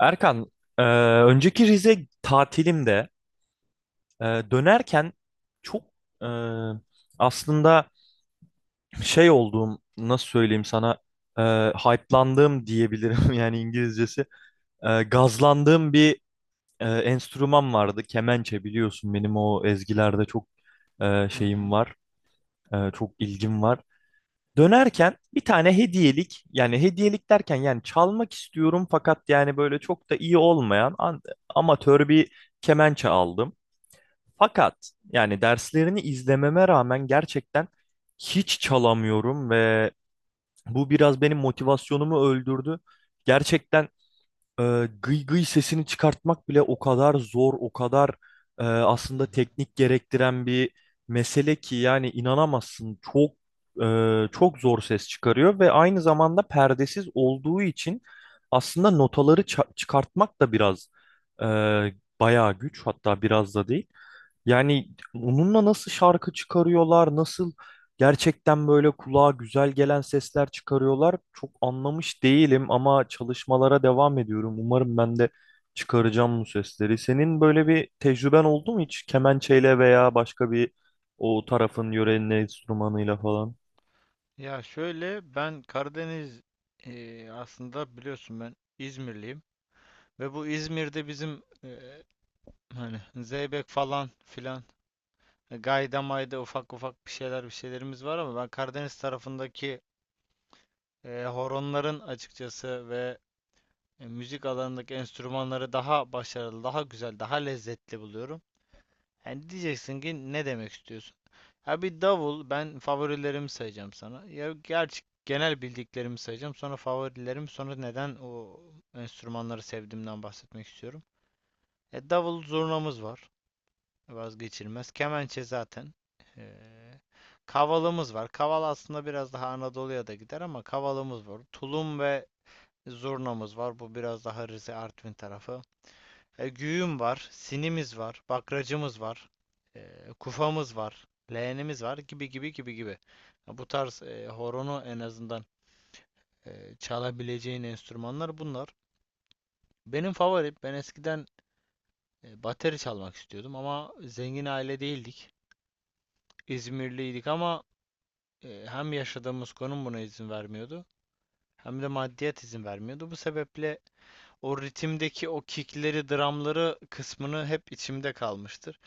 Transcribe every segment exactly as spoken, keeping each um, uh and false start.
Erkan, e, önceki Rize tatilimde e, dönerken çok e, aslında şey olduğum, nasıl söyleyeyim sana, e, hype'landığım diyebilirim yani İngilizcesi. E, gazlandığım bir e, enstrüman vardı, kemençe biliyorsun benim o ezgilerde çok e, Hı şeyim hı, var, e, çok ilgim var. Dönerken bir tane hediyelik yani hediyelik derken yani çalmak istiyorum fakat yani böyle çok da iyi olmayan an- amatör bir kemençe aldım. Fakat yani derslerini izlememe rağmen gerçekten hiç çalamıyorum ve bu biraz benim motivasyonumu öldürdü. Gerçekten e, gıy gıy sesini çıkartmak bile o kadar zor, o kadar e, hı aslında hı. teknik gerektiren bir mesele ki yani inanamazsın. Çok e, çok zor ses çıkarıyor ve aynı zamanda perdesiz olduğu için aslında notaları ça- çıkartmak da biraz e, bayağı güç hatta biraz da değil. Yani onunla nasıl şarkı çıkarıyorlar, nasıl gerçekten böyle kulağa güzel gelen sesler çıkarıyorlar çok anlamış değilim ama çalışmalara devam ediyorum. Umarım ben de çıkaracağım bu sesleri. Senin böyle bir tecrüben oldu mu hiç kemençeyle veya başka bir o tarafın yörenin enstrümanıyla falan? Ya şöyle ben Karadeniz e, aslında biliyorsun ben İzmirliyim ve bu İzmir'de bizim e, hani zeybek falan filan e, gayda mayda ufak ufak bir şeyler bir şeylerimiz var ama ben Karadeniz tarafındaki e, horonların açıkçası ve e, müzik alanındaki enstrümanları daha başarılı, daha güzel, daha lezzetli buluyorum. Yani diyeceksin ki ne demek istiyorsun? Ya bir davul ben favorilerimi sayacağım sana. Ya gerçi genel bildiklerimi sayacağım. Sonra favorilerim, sonra neden o enstrümanları sevdiğimden bahsetmek istiyorum. E, Davul zurnamız var. Vazgeçilmez. Kemençe zaten. Ee, Kavalımız var. Kaval aslında biraz daha Anadolu'ya da gider ama kavalımız var. Tulum ve zurnamız var. Bu biraz daha Rize Artvin tarafı. E, Güğüm var, sinimiz var, bakracımız var, e, kufamız var, leğenimiz var gibi gibi gibi gibi. Bu tarz e, horonu en azından e, çalabileceğin enstrümanlar bunlar. Benim favorim, ben eskiden e, bateri çalmak istiyordum ama zengin aile değildik. İzmirliydik ama e, hem yaşadığımız konum buna izin vermiyordu hem de maddiyat izin vermiyordu. Bu sebeple o ritimdeki o kickleri, drumları kısmını hep içimde kalmıştır.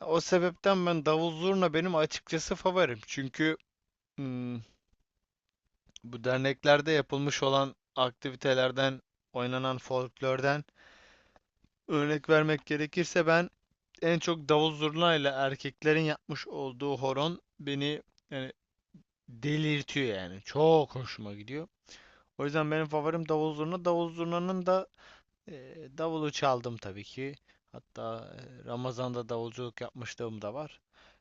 O sebepten ben davul zurna benim açıkçası favorim. Çünkü hmm, bu derneklerde yapılmış olan aktivitelerden, oynanan folklörden örnek vermek gerekirse ben en çok davul zurna ile erkeklerin yapmış olduğu horon beni yani delirtiyor yani. Çok hoşuma gidiyor. O yüzden benim favorim davul zurna. Davul zurnanın da Eee, davulu çaldım tabii ki. Hatta eee, Ramazan'da davulculuk yapmışlığım da var.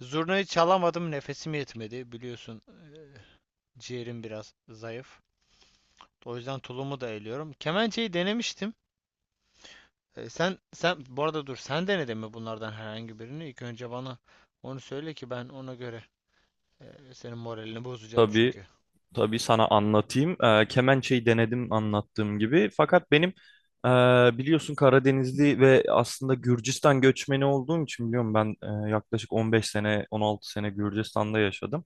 Zurnayı çalamadım, nefesim yetmedi. Biliyorsun eee, ciğerim biraz zayıf. O yüzden tulumu da eliyorum. Kemençeyi denemiştim. Eee, sen sen bu arada dur sen denedin mi bunlardan herhangi birini? İlk önce bana onu söyle ki ben ona göre eee, senin moralini bozacağım Tabii çünkü. Tabii sana anlatayım. Eee, kemençeyi denedim anlattığım gibi. Fakat benim eee, biliyorsun Karadenizli ve aslında Gürcistan göçmeni olduğum için biliyorum ben eee, yaklaşık on beş sene on altı sene Gürcistan'da yaşadım.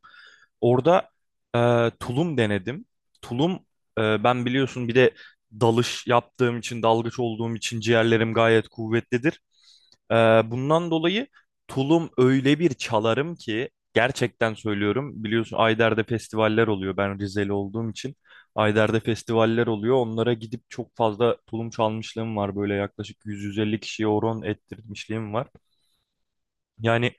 Orada eee, tulum denedim. Tulum eee, ben biliyorsun bir de dalış yaptığım için dalgıç olduğum için ciğerlerim gayet kuvvetlidir. Ee, Bundan dolayı tulum öyle bir çalarım ki gerçekten söylüyorum. Biliyorsun Ayder'de festivaller oluyor. Ben Rizeli olduğum için Ayder'de festivaller oluyor. Onlara gidip çok fazla tulum çalmışlığım var. Böyle yaklaşık yüz yüz elli kişiye horon ettirmişliğim var. Yani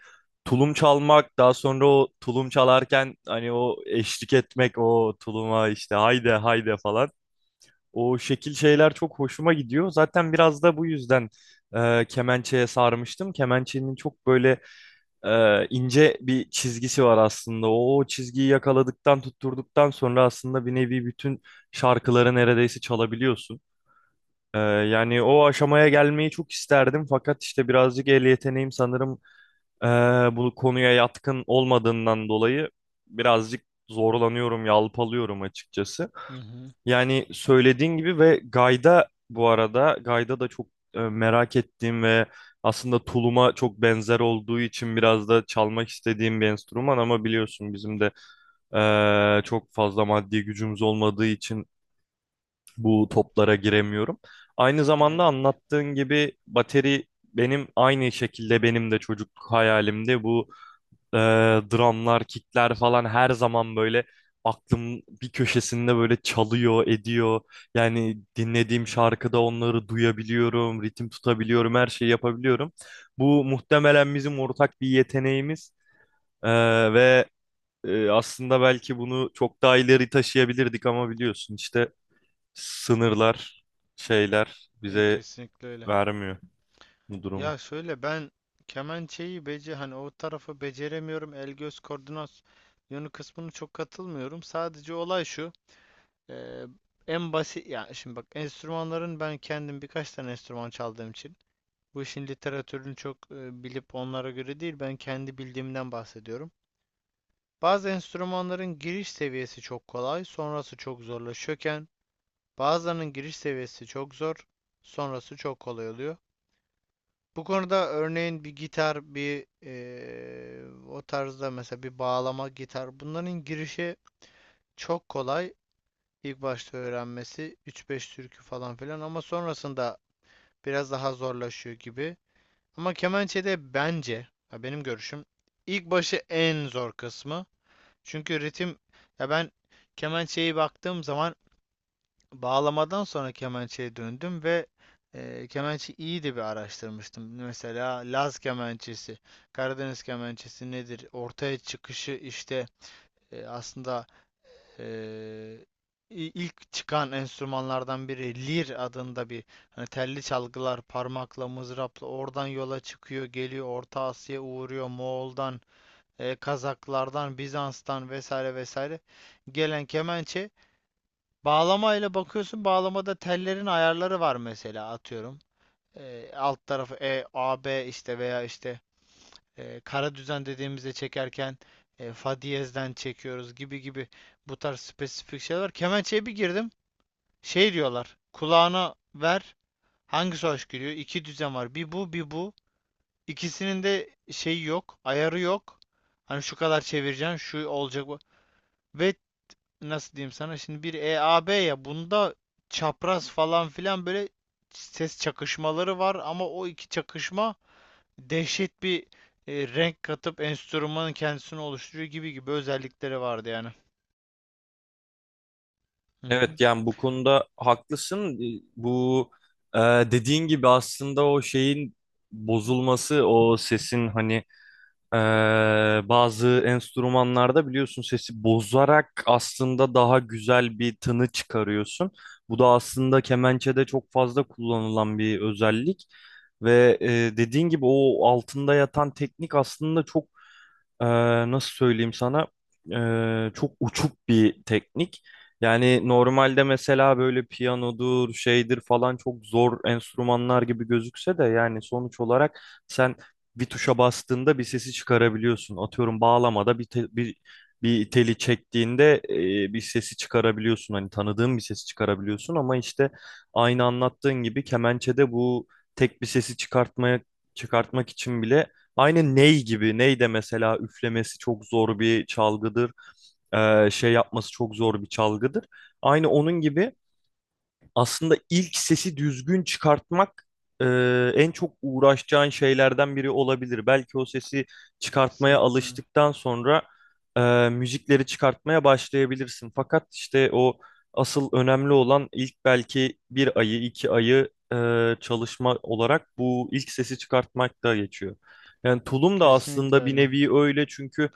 tulum çalmak daha sonra o tulum çalarken hani o eşlik etmek o tuluma işte haydi haydi falan. O şekil şeyler çok hoşuma gidiyor. Zaten biraz da bu yüzden e, kemençeye sarmıştım. Kemençenin çok böyle e, ince bir çizgisi var aslında. O çizgiyi yakaladıktan, tutturduktan sonra aslında bir nevi bütün şarkıları neredeyse çalabiliyorsun. E, yani o aşamaya gelmeyi çok isterdim. Fakat işte birazcık el yeteneğim sanırım e, bu konuya yatkın olmadığından dolayı birazcık zorlanıyorum, yalpalıyorum açıkçası. Hı hı. Yani söylediğin gibi ve Gayda bu arada Gayda da çok e, merak ettiğim ve aslında tuluma çok benzer olduğu için biraz da çalmak istediğim bir enstrüman ama biliyorsun bizim de e, çok fazla maddi gücümüz olmadığı için bu toplara giremiyorum. Aynı Ne zamanda yazık ki. anlattığın gibi bateri benim aynı şekilde benim de çocukluk hayalimdi. Bu e, drumlar, kickler falan her zaman böyle aklım bir köşesinde böyle çalıyor, ediyor. Yani dinlediğim Hı hı. şarkıda onları duyabiliyorum, ritim tutabiliyorum, her şeyi yapabiliyorum. Bu muhtemelen bizim ortak bir yeteneğimiz. E, ve e, aslında belki bunu çok daha ileri taşıyabilirdik ama biliyorsun işte sınırlar, şeyler E, bize kesinlikle öyle. vermiyor bu durumu. Ya şöyle ben kemençeyi bece hani o tarafı beceremiyorum. El göz koordinasyonu kısmını çok katılmıyorum. Sadece olay şu. eee, En basit ya şimdi bak enstrümanların ben kendim birkaç tane enstrüman çaldığım için bu işin literatürünü çok e, bilip onlara göre değil ben kendi bildiğimden bahsediyorum. Bazı enstrümanların giriş seviyesi çok kolay, sonrası çok zorlaşıyorken bazılarının giriş seviyesi çok zor, sonrası çok kolay oluyor. Bu konuda örneğin bir gitar, bir eee, o tarzda mesela bir bağlama gitar. Bunların girişi çok kolay. İlk başta öğrenmesi üç beş türkü falan filan ama sonrasında biraz daha zorlaşıyor gibi. Ama kemençede bence, ya benim görüşüm, ilk başı en zor kısmı. Çünkü ritim, ya ben kemençeyi baktığım zaman bağlamadan sonra kemençeye döndüm ve e, kemençe iyi de bir araştırmıştım. Mesela Laz kemençesi, Karadeniz kemençesi nedir? Ortaya çıkışı işte e, aslında e, ilk çıkan enstrümanlardan biri lir adında bir hani telli çalgılar parmakla mızrapla oradan yola çıkıyor geliyor Orta Asya'ya uğruyor Moğol'dan e, Kazaklardan Bizans'tan vesaire vesaire gelen kemençe bağlamayla bakıyorsun. Bağlamada tellerin ayarları var mesela atıyorum. Ee, alt tarafı E, A, B işte veya işte e, kara düzen dediğimizde çekerken e, fa diyezden çekiyoruz gibi gibi bu tarz spesifik şeyler var. Kemençeye bir girdim. Şey diyorlar. Kulağına ver. Hangisi hoş geliyor? İki düzen var. Bir bu, bir bu. İkisinin de şeyi yok. Ayarı yok. Hani şu kadar çevireceksin, şu olacak bu. Ve nasıl diyeyim sana şimdi bir E A B ya bunda çapraz falan filan böyle ses çakışmaları var ama o iki çakışma dehşet bir e, renk katıp enstrümanın kendisini oluşturuyor gibi gibi özellikleri vardı yani. Hı hı, Evet, yani bu konuda haklısın. E, Bu e, dediğin gibi aslında o şeyin bozulması, o sesin hani e, bazı enstrümanlarda biliyorsun sesi bozarak aslında daha güzel bir tını çıkarıyorsun. Bu da aslında kemençede çok fazla kullanılan bir özellik. Ve e, dediğin gibi o altında yatan teknik aslında çok ee, nasıl söyleyeyim sana? Ee, çok uçuk bir teknik. Yani normalde mesela böyle piyanodur, şeydir falan çok zor enstrümanlar gibi gözükse de yani sonuç olarak sen bir tuşa bastığında bir sesi çıkarabiliyorsun. Atıyorum bağlamada bir te- bir bir teli çektiğinde e, bir sesi çıkarabiliyorsun. Hani tanıdığın bir sesi çıkarabiliyorsun ama işte aynı anlattığın gibi kemençede bu tek bir sesi çıkartmaya çıkartmak için bile aynı ney gibi. Ney de mesela üflemesi çok zor bir çalgıdır. Ee, şey yapması çok zor bir çalgıdır. Aynı onun gibi aslında ilk sesi düzgün çıkartmak e, en çok uğraşacağın şeylerden biri olabilir. Belki o sesi çıkartmaya kesinlikle öyle. alıştıktan sonra e, müzikleri çıkartmaya başlayabilirsin. Fakat işte o asıl önemli olan ilk belki bir ayı, iki ayı e, çalışma olarak bu ilk sesi çıkartmak da geçiyor. Yani tulum da Kesinlikle aslında bir öyle. nevi öyle çünkü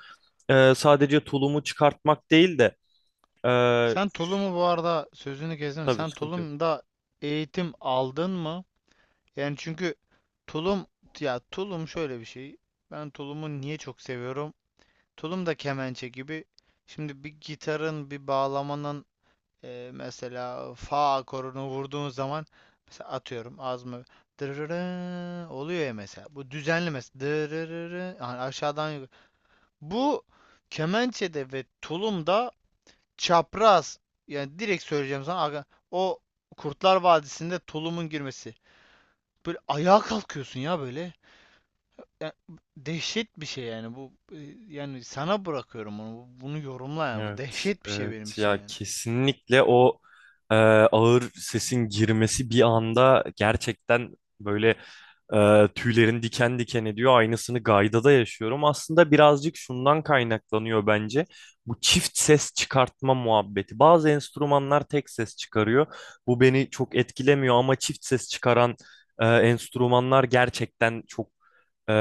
e, sadece tulumu çıkartmak değil de e, Sen Tulum'u bu arada sözünü kestim. tabii Sen sıkıntı yok. Tulum'da eğitim aldın mı? Yani çünkü tulum ya tulum şöyle bir şey. Ben Tulum'u niye çok seviyorum? Tulum da kemençe gibi. Şimdi bir gitarın, bir bağlamanın e, mesela fa akorunu vurduğun zaman mesela atıyorum az mı dırırı oluyor ya mesela. Bu düzenli mesela dırırı yani aşağıdan yukarı. Bu kemençede ve tulumda çapraz yani direkt söyleyeceğim sana o Kurtlar Vadisi'nde tulumun girmesi. Böyle ayağa kalkıyorsun ya böyle. Ya, dehşet bir şey yani bu e, yani sana bırakıyorum onu. Bu- bunu yorumla yani. Bu Evet, dehşet bir şey benim evet için ya yani. kesinlikle o e, ağır sesin girmesi bir anda gerçekten böyle ee, tüylerin diken diken ediyor. Aynısını Gayda'da yaşıyorum. Aslında birazcık şundan kaynaklanıyor bence. Bu çift ses çıkartma muhabbeti. Bazı enstrümanlar tek ses çıkarıyor. Bu beni çok etkilemiyor ama çift ses çıkaran e, enstrümanlar gerçekten çok e,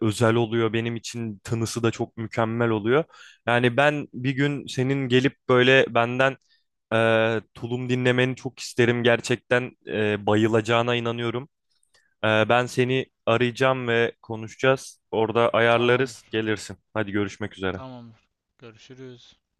özel oluyor. Benim için tınısı da çok mükemmel oluyor. Yani ben bir gün senin gelip böyle benden e, tulum dinlemeni çok isterim. Gerçekten e, bayılacağına inanıyorum. Ee, ben seni arayacağım ve konuşacağız. Orada ayarlarız, Tamamdır. gelirsin. Hadi görüşmek üzere. Tamamdır. Görüşürüz.